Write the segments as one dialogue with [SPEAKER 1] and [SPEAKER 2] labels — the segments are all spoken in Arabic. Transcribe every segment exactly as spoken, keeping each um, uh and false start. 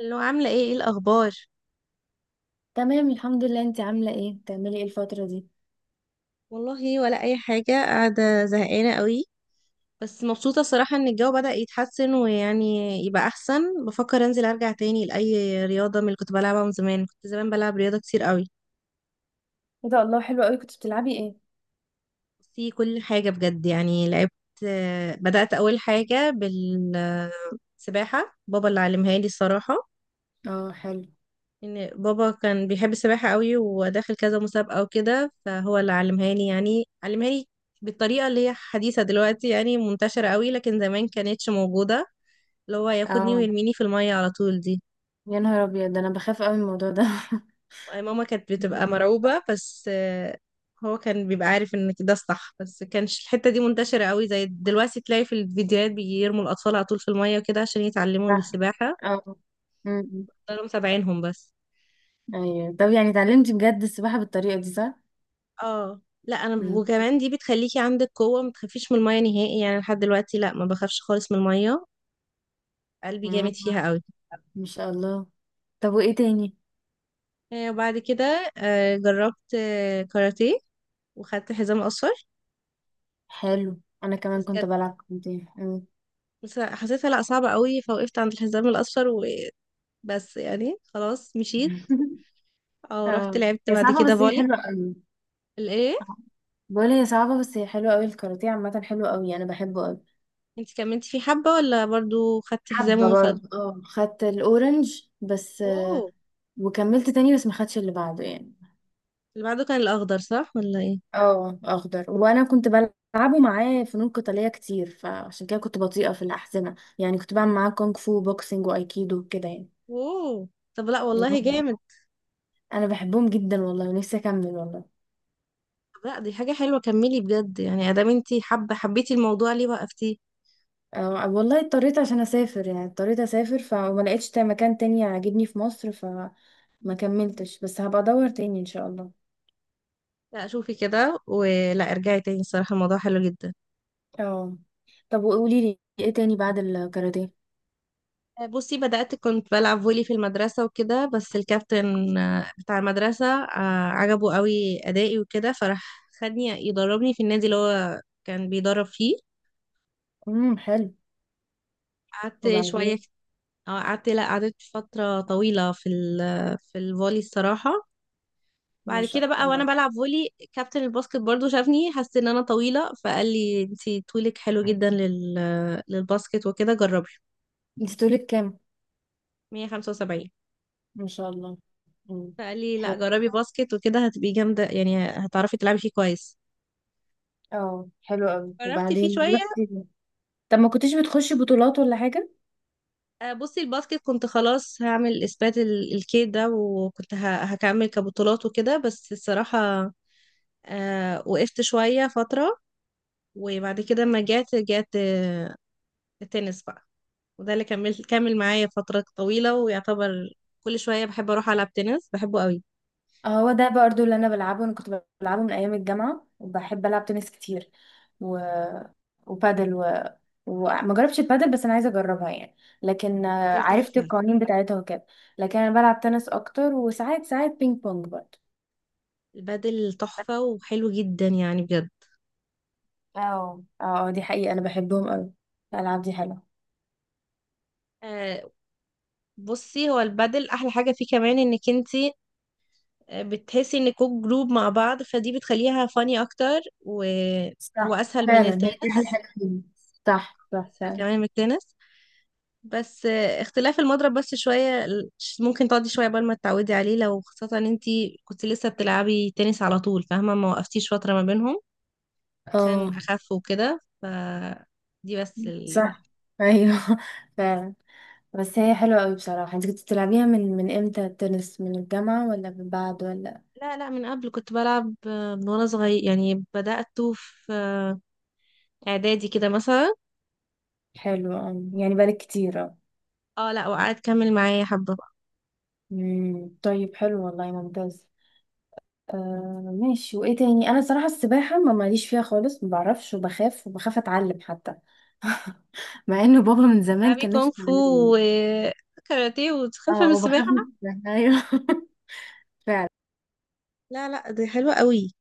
[SPEAKER 1] اللي هو عاملة ايه ايه الأخبار؟
[SPEAKER 2] تمام. الحمد لله، انت عاملة ايه؟ بتعملي ايه الفترة دي؟
[SPEAKER 1] والله ولا أي حاجة، قاعدة زهقانة قوي، بس مبسوطة الصراحة إن الجو بدأ يتحسن ويعني يبقى أحسن. بفكر أنزل أرجع تاني لأي رياضة من اللي كنت بلعبها من زمان، كنت زمان بلعب رياضة كتير قوي
[SPEAKER 2] ايه ده! الله، حلو قوي. كنت بتلعبي ايه؟
[SPEAKER 1] في كل حاجة بجد. يعني لعبت، بدأت أول حاجة بالسباحة. بابا اللي علمها لي الصراحة،
[SPEAKER 2] اه، حلو.
[SPEAKER 1] ان بابا كان بيحب السباحة قوي وداخل كذا مسابقة وكده، فهو اللي علمها لي، يعني علمها لي بالطريقة اللي هي حديثة دلوقتي، يعني منتشرة قوي لكن زمان كانتش موجودة، اللي هو ياخدني
[SPEAKER 2] اه،
[SPEAKER 1] ويرميني في المية على طول دي.
[SPEAKER 2] يا نهار ابيض، ده انا بخاف قوي من الموضوع ده.
[SPEAKER 1] ماما كانت بتبقى مرعوبة بس آه، هو كان بيبقى عارف ان ده الصح، بس كانش الحتة دي منتشرة قوي زي دلوقتي، تلاقي في الفيديوهات بيرموا الأطفال على طول في المية وكده عشان يتعلموا
[SPEAKER 2] صح.
[SPEAKER 1] السباحة.
[SPEAKER 2] اه. أمم.
[SPEAKER 1] كانوا متابعينهم بس.
[SPEAKER 2] ايوه، طب يعني اتعلمتي بجد السباحة بالطريقة دي، صح؟
[SPEAKER 1] اه لا، انا ب-
[SPEAKER 2] أمم.
[SPEAKER 1] وكمان دي بتخليكي عندك قوه ما تخافيش من الميه نهائي، يعني لحد دلوقتي لا، ما بخافش خالص من الميه، قلبي
[SPEAKER 2] اه،
[SPEAKER 1] جامد فيها قوي.
[SPEAKER 2] ما شاء الله. طب وايه تاني؟
[SPEAKER 1] آه، وبعد كده آه، جربت آه، كاراتيه وخدت حزام اصفر.
[SPEAKER 2] حلو. انا كمان
[SPEAKER 1] بس
[SPEAKER 2] كنت
[SPEAKER 1] كانت
[SPEAKER 2] بلعب كونتين. أمم.
[SPEAKER 1] بس حسيتها لا صعبه قوي، فوقفت عند الحزام الاصفر وبس، يعني خلاص مشيت. او رحت
[SPEAKER 2] اه،
[SPEAKER 1] لعبت
[SPEAKER 2] هي
[SPEAKER 1] بعد
[SPEAKER 2] صعبة
[SPEAKER 1] كده
[SPEAKER 2] بس هي
[SPEAKER 1] فولي.
[SPEAKER 2] حلوة قوي.
[SPEAKER 1] الايه؟
[SPEAKER 2] آه. بقول هي صعبة بس هي حلوة قوي، الكاراتيه عامة حلو قوي، انا بحبه قوي.
[SPEAKER 1] انت كملتي فيه حبه ولا برضو خدتي حزام
[SPEAKER 2] حبة
[SPEAKER 1] ووصلت؟
[SPEAKER 2] برضه، اه خدت الاورنج بس، آه،
[SPEAKER 1] اوه.
[SPEAKER 2] وكملت تاني بس ما خدتش اللي بعده يعني.
[SPEAKER 1] اللي بعده كان الاخضر صح ولا ايه؟
[SPEAKER 2] اه، اخضر. وانا كنت بلعبه معاه فنون قتالية كتير، فعشان كده كنت بطيئة في الأحزمة، يعني كنت بعمل معاه كونغ فو، بوكسنج، وايكيدو كده يعني.
[SPEAKER 1] اوه. طب لا والله
[SPEAKER 2] مم.
[SPEAKER 1] جامد.
[SPEAKER 2] انا بحبهم جدا والله، ونفسي اكمل والله.
[SPEAKER 1] لا، دي حاجة حلوة، كملي بجد، يعني ادام انتي حابة، حبيتي الموضوع ليه وقفتيه؟
[SPEAKER 2] آه، والله اضطريت عشان اسافر، يعني اضطريت اسافر فما لقيتش تا- مكان تاني عاجبني في مصر، فما كملتش، بس هبقى ادور تاني ان شاء الله.
[SPEAKER 1] لا شوفي كده، ولا ارجعي تاني، الصراحة الموضوع حلو جدا.
[SPEAKER 2] اه، طب وقولي لي ايه تاني بعد الكاراتيه؟
[SPEAKER 1] آه، بصي، بدأت كنت بلعب فولي في المدرسة وكده، بس الكابتن آه، بتاع المدرسة آه، عجبه قوي أدائي وكده، فراح خدني يدربني في النادي اللي هو كان بيدرب فيه.
[SPEAKER 2] امم حلو.
[SPEAKER 1] قعدت شوية.
[SPEAKER 2] وبعدين؟
[SPEAKER 1] اه قعدت، لا قعدت فترة طويلة في ال في الفولي الصراحة.
[SPEAKER 2] ما
[SPEAKER 1] بعد كده
[SPEAKER 2] شاء
[SPEAKER 1] بقى وانا
[SPEAKER 2] الله.
[SPEAKER 1] بلعب فولي، كابتن الباسكت برضو شافني، حس ان انا طويله، فقال لي انتي طولك حلو جدا لل... للباسكت وكده جربي.
[SPEAKER 2] انت طولك كام؟
[SPEAKER 1] مية وخمسة وسبعين.
[SPEAKER 2] ما شاء الله. امم
[SPEAKER 1] فقال لي لا
[SPEAKER 2] حلو.
[SPEAKER 1] جربي باسكت، وكده هتبقي جامده، يعني هتعرفي تلعبي فيه كويس.
[SPEAKER 2] اه، حلو قوي.
[SPEAKER 1] جربت فيه
[SPEAKER 2] وبعدين
[SPEAKER 1] شويه.
[SPEAKER 2] رحتي؟ طب ما كنتيش بتخشي بطولات ولا حاجه؟
[SPEAKER 1] آه، بصي الباسكت كنت خلاص هعمل اثبات ال- الكيد ده، وكنت ه... هكمل كبطولات وكده، بس الصراحه آه، وقفت شويه فتره، وبعد كده ما جات جات آه، التنس بقى. وده اللي كمل كمل معايا فترة طويلة، ويعتبر كل شوية بحب أروح ألعب تنس، بحبه قوي.
[SPEAKER 2] آه، هو ده برضه اللي انا بلعبه. انا كنت بلعبه من ايام الجامعه، وبحب العب تنس كتير و... وبادل و... وما جربتش البادل، بس انا عايزه اجربها يعني. لكن آه،
[SPEAKER 1] البادل
[SPEAKER 2] عرفت
[SPEAKER 1] تحفة.
[SPEAKER 2] القوانين بتاعتها وكده. لكن انا بلعب تنس اكتر، وساعات ساعات بينج بونج برضه.
[SPEAKER 1] البادل تحفة وحلو جدا يعني بجد.
[SPEAKER 2] اه، اه، دي حقيقة، انا بحبهم قوي. الالعاب دي حلوة.
[SPEAKER 1] آه، بصي هو البادل أحلى حاجة فيه كمان إنك انتي آه، بتحسي إنكوا جروب مع بعض، فدي بتخليها فاني أكتر، وهو
[SPEAKER 2] صح
[SPEAKER 1] أسهل من
[SPEAKER 2] فعلا، هي دي احلى
[SPEAKER 1] التنس،
[SPEAKER 2] حاجة فيهم. صح، صح،
[SPEAKER 1] أسهل
[SPEAKER 2] فعلا.
[SPEAKER 1] كمان من التنس. بس آه، اختلاف المضرب بس شوية ال- ممكن تقعدي شوية قبل ما تتعودي عليه، لو خاصة ان انتي كنت لسه بتلعبي تنس على طول، فاهمة؟ ما وقفتيش فترة ما بينهم عشان
[SPEAKER 2] اه،
[SPEAKER 1] اخف وكده ف دي بس ال...
[SPEAKER 2] صح. ايوه. فعلا. بس هي حلوة قوي بصراحة. انت كنت بتلعبيها من من امتى التنس؟ من الجامعة ولا من بعد ولا؟
[SPEAKER 1] لا لا، من قبل كنت بلعب آه، من وانا صغير، يعني بدأت في آه، اعدادي كده مثلا.
[SPEAKER 2] حلو، اه يعني بالك كتير، اه.
[SPEAKER 1] اه لا، وقعدت كمل معايا حبة بقى.
[SPEAKER 2] امم طيب، حلو والله، ممتاز. آه، ماشي. وايه تاني؟ انا صراحة السباحة ما ماليش فيها خالص، ما بعرفش، وبخاف، وبخاف اتعلم حتى، مع انه بابا من زمان
[SPEAKER 1] بتلعبي
[SPEAKER 2] كان
[SPEAKER 1] كونغ
[SPEAKER 2] نفسه
[SPEAKER 1] فو
[SPEAKER 2] يعلمني.
[SPEAKER 1] وكاراتيه وتخلفي من
[SPEAKER 2] اه، بخاف
[SPEAKER 1] السباحة؟
[SPEAKER 2] من السباحة. ايوه. فعلا.
[SPEAKER 1] لا لا، دي حلوة قوي.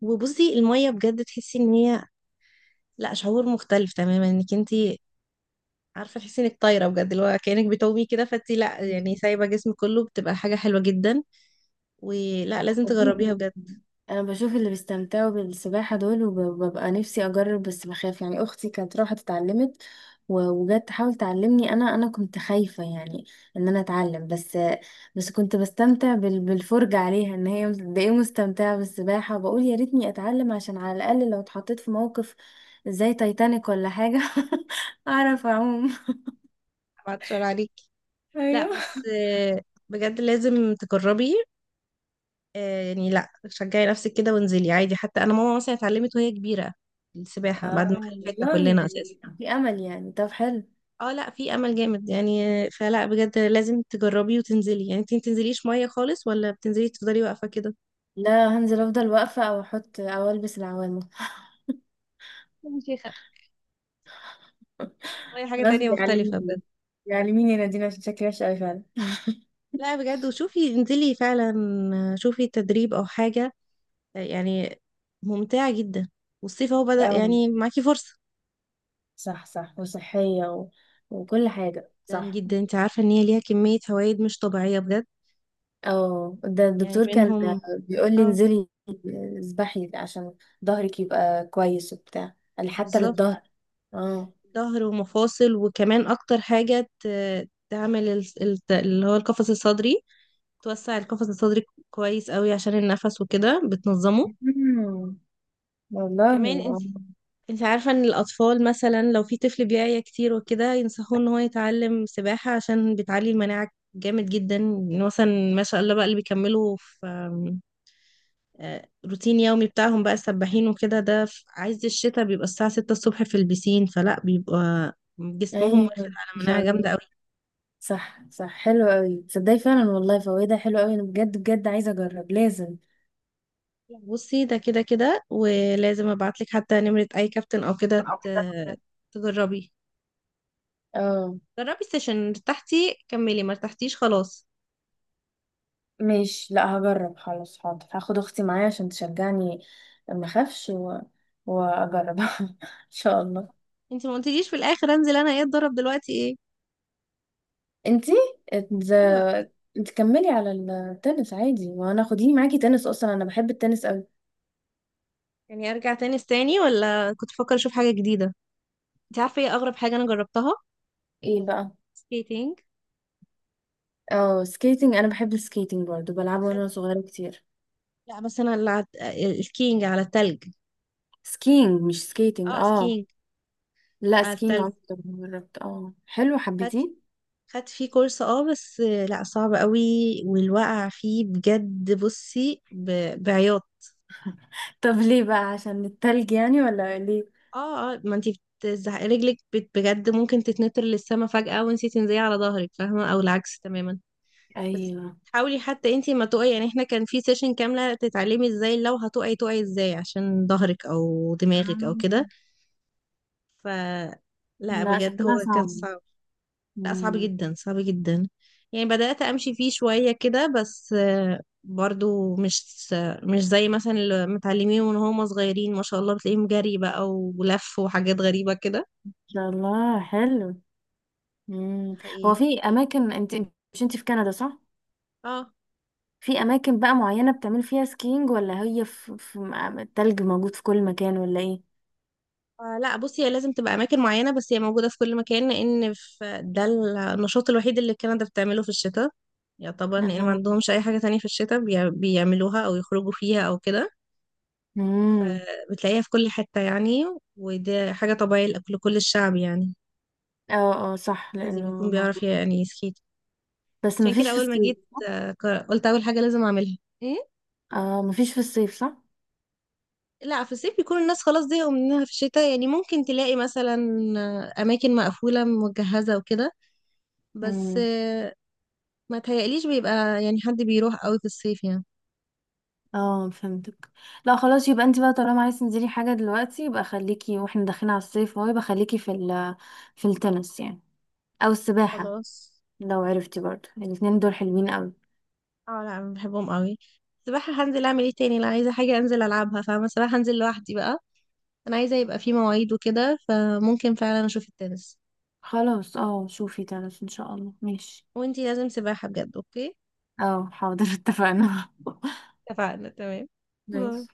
[SPEAKER 1] وبصي المية بجد تحسي ان هي، لا، شعور مختلف تماما، انك انتي عارفة تحسي انك طايرة بجد، اللي هو كأنك بتومي كده، فانتي لا يعني سايبة جسمك كله، بتبقى حاجة حلوة جدا، ولا لازم
[SPEAKER 2] بشوف.
[SPEAKER 1] تجربيها بجد.
[SPEAKER 2] انا بشوف اللي بيستمتعوا بالسباحة دول، وببقى نفسي اجرب بس بخاف يعني. اختي كانت راحت اتعلمت و- وجت تحاول تعلمني، انا انا كنت خايفة يعني، ان انا اتعلم، بس بس كنت بستمتع بال- بالفرجة عليها، ان هي قد ايه مستمتعة بالسباحة، وبقول يا ريتني اتعلم عشان على الاقل لو اتحطيت في موقف زي تايتانيك ولا حاجة، اعرف اعوم.
[SPEAKER 1] هبعت شعر عليك.
[SPEAKER 2] ايوه.
[SPEAKER 1] لا بس آه، بجد لازم تجربي، آه، يعني لا شجعي نفسك كده وانزلي عادي، حتى انا ماما مثلا اتعلمت وهي كبيره السباحه
[SPEAKER 2] اه،
[SPEAKER 1] بعد ما خلفتنا
[SPEAKER 2] والله
[SPEAKER 1] كلنا اساسا.
[SPEAKER 2] يعني في امل يعني. طب، حلو.
[SPEAKER 1] اه لا، في امل جامد يعني آه، فلا بجد لازم تجربي وتنزلي. يعني انت ما بتنزليش ميه خالص، ولا بتنزلي تفضلي واقفه كده؟
[SPEAKER 2] لا، هنزل افضل واقفه، او احط، او البس العوامه.
[SPEAKER 1] يا شيخة، المية حاجة
[SPEAKER 2] غصب
[SPEAKER 1] تانية مختلفة
[SPEAKER 2] يعلمني،
[SPEAKER 1] بجد.
[SPEAKER 2] يعلميني يا نادين عشان شكلي وحش قوي فعلا.
[SPEAKER 1] لا بجد، وشوفي انزلي فعلا، آه، شوفي تدريب أو حاجة، آه، يعني ممتعة جدا، والصيف اهو بدأ،
[SPEAKER 2] اه،
[SPEAKER 1] يعني معاكي فرصة.
[SPEAKER 2] صح، صح وصحيه و... وكل حاجه،
[SPEAKER 1] جدا
[SPEAKER 2] صح.
[SPEAKER 1] جدا، انت عارفة ان هي ليها كمية فوائد مش طبيعية بجد.
[SPEAKER 2] اه، ده
[SPEAKER 1] يعني
[SPEAKER 2] الدكتور كان
[SPEAKER 1] منهم.
[SPEAKER 2] بيقول لي
[SPEAKER 1] اه.
[SPEAKER 2] انزلي، اسبحي عشان ظهرك يبقى كويس وبتاع. قال لي حتى
[SPEAKER 1] بالظبط.
[SPEAKER 2] للظهر. اه.
[SPEAKER 1] ظهر ومفاصل، وكمان اكتر حاجة ت- تعمل ال- ال- اللي هو القفص الصدري، توسع القفص الصدري كويس قوي عشان النفس وكده بتنظمه.
[SPEAKER 2] مم. والله.
[SPEAKER 1] كمان انت
[SPEAKER 2] آه.
[SPEAKER 1] انت عارفة ان الاطفال مثلا، لو في طفل بيعيا كتير وكده ينصحوه ان هو يتعلم سباحة عشان بتعلي المناعة جامد جدا. مثلا ما شاء الله بقى اللي بيكملوا في آه، روتين يومي بتاعهم بقى، السباحين وكده، ده في عز الشتاء بيبقى الساعة ستة الصبح في البسين، فلا بيبقى جسمهم واخد
[SPEAKER 2] ايوه، ان
[SPEAKER 1] على
[SPEAKER 2] شاء
[SPEAKER 1] مناعة جامدة
[SPEAKER 2] الله.
[SPEAKER 1] قوي.
[SPEAKER 2] صح، صح، حلو قوي تصدقي فعلا والله، فوائدها حلو قوي. انا بجد بجد عايزه اجرب لازم،
[SPEAKER 1] بصي ده كده كده، ولازم ابعتلك حتى نمرة اي كابتن او كده
[SPEAKER 2] او كده.
[SPEAKER 1] ت- تجربي،
[SPEAKER 2] اه،
[SPEAKER 1] جربي السيشن، ارتحتي كملي، ما ارتحتيش خلاص.
[SPEAKER 2] ماشي. لا، هجرب خلاص. حاضر، هاخد اختي معايا عشان تشجعني، ما اخافش و... واجرب. ان شاء الله.
[SPEAKER 1] انت ما قلتليش في الاخر انزل انا ايه، اتدرب دلوقتي ايه؟
[SPEAKER 2] انتي ات-
[SPEAKER 1] ايوه.
[SPEAKER 2] انت كملي على التنس عادي، وانا خديني معاكي تنس، اصلا انا بحب التنس قوي.
[SPEAKER 1] يعني ارجع تاني تاني، ولا كنت بفكر اشوف حاجة جديدة؟ انت عارفة ايه اغرب حاجة انا جربتها؟
[SPEAKER 2] ايه بقى؟
[SPEAKER 1] سكيتنج.
[SPEAKER 2] اه، سكيتنج. انا بحب السكيتنج برضه، بلعبه وانا صغيره كتير.
[SPEAKER 1] لا بس انا اللي عد... الكينج على التلج.
[SPEAKER 2] سكينج مش سكيتنج،
[SPEAKER 1] اه
[SPEAKER 2] اه.
[SPEAKER 1] سكينج،
[SPEAKER 2] لا،
[SPEAKER 1] على
[SPEAKER 2] سكينج
[SPEAKER 1] التلج
[SPEAKER 2] عمري طبعاً جربت. اه، حلو،
[SPEAKER 1] خدت،
[SPEAKER 2] حبيتيه؟
[SPEAKER 1] خدت فيه كورس. اه بس لا صعب قوي، والوقع فيه بجد، بصي ب... بعياط.
[SPEAKER 2] طب ليه بقى؟ عشان التلج يعني ولا ليه؟
[SPEAKER 1] اه اه، ما انتي بتزحق رجلك بت- بجد ممكن تتنطر للسما فجأة وانتي تنزلي على ظهرك، فاهمة؟ او العكس تماما. بس
[SPEAKER 2] ايوه.
[SPEAKER 1] حاولي حتى انتي ما تقعي، يعني احنا كان في سيشن كاملة تتعلمي ازاي لو هتقعي تقعي ازاي عشان ظهرك او دماغك او
[SPEAKER 2] آه.
[SPEAKER 1] كده ف لا
[SPEAKER 2] لا،
[SPEAKER 1] بجد هو
[SPEAKER 2] شكلها
[SPEAKER 1] كان
[SPEAKER 2] صعب.
[SPEAKER 1] صعب.
[SPEAKER 2] مم.
[SPEAKER 1] لا صعب
[SPEAKER 2] ان
[SPEAKER 1] جدا صعب جدا، يعني بدأت أمشي فيه شوية كده، بس آه، برضو مش مش زي مثلا اللي متعلمين من هم صغيرين، ما شاء الله بتلاقيهم جري بقى ولف وحاجات غريبة كده.
[SPEAKER 2] شاء الله. حلو.
[SPEAKER 1] ده
[SPEAKER 2] مم. هو
[SPEAKER 1] حقيقي.
[SPEAKER 2] في اماكن انت انت- مش انت في كندا، صح؟
[SPEAKER 1] اه
[SPEAKER 2] في اماكن بقى معينة بتعمل فيها سكينج، ولا هي في, في م- التلج موجود في كل مكان ولا ايه؟
[SPEAKER 1] آه، لا بصي، هي لازم تبقى أماكن معينة، بس هي موجودة في كل مكان، لأن في ده النشاط الوحيد اللي كندا بتعمله في الشتاء يعتبر، لأن ما
[SPEAKER 2] آه.
[SPEAKER 1] عندهمش أي حاجة تانية في الشتاء بيع- بيعملوها أو يخرجوا فيها أو كده.
[SPEAKER 2] مم.
[SPEAKER 1] بتلاقيها في كل حتة يعني، ودي حاجة طبيعية لكل الشعب يعني،
[SPEAKER 2] اه، اه، صح،
[SPEAKER 1] لازم يكون
[SPEAKER 2] لانه.
[SPEAKER 1] بيعرف يعني يسكيت.
[SPEAKER 2] بس
[SPEAKER 1] عشان كده
[SPEAKER 2] مفيش في
[SPEAKER 1] اول ما
[SPEAKER 2] الصيف.
[SPEAKER 1] جيت آه، ك- قلت اول حاجه لازم اعملها ايه.
[SPEAKER 2] اه، مفيش في الصيف،
[SPEAKER 1] لا، في الصيف بيكون الناس خلاص زهقوا منها في الشتاء، يعني ممكن تلاقي مثلا آه، اماكن مقفوله مجهزه وكده،
[SPEAKER 2] صح.
[SPEAKER 1] بس آه، ما تهيأليش بيبقى يعني حد بيروح قوي في الصيف يعني.
[SPEAKER 2] اه، فهمتك. لا، خلاص. يبقى انت بقى طالما عايز تنزلي حاجة دلوقتي يبقى خليكي، واحنا داخلين على الصيف اهو، يبقى خليكي في ال في التنس يعني، او السباحة.
[SPEAKER 1] خلاص.
[SPEAKER 2] لو عرفتي برضه، الاتنين دول حلوين قوي.
[SPEAKER 1] اه لا، انا بحبهم قوي. السباحه هنزل اعمل ايه تاني، لا عايزه حاجه انزل العبها فاهمه، السباحه هنزل لوحدي بقى. انا عايزه يبقى في مواعيد وكده، فممكن فعلا اشوف التنس.
[SPEAKER 2] خلاص، اه، شوفي تنس ان شاء الله. ماشي.
[SPEAKER 1] وانتي لازم سباحه بجد، اوكي؟
[SPEAKER 2] اه، حاضر اتفقنا.
[SPEAKER 1] اتفقنا تمام. باي.
[SPEAKER 2] ماشي.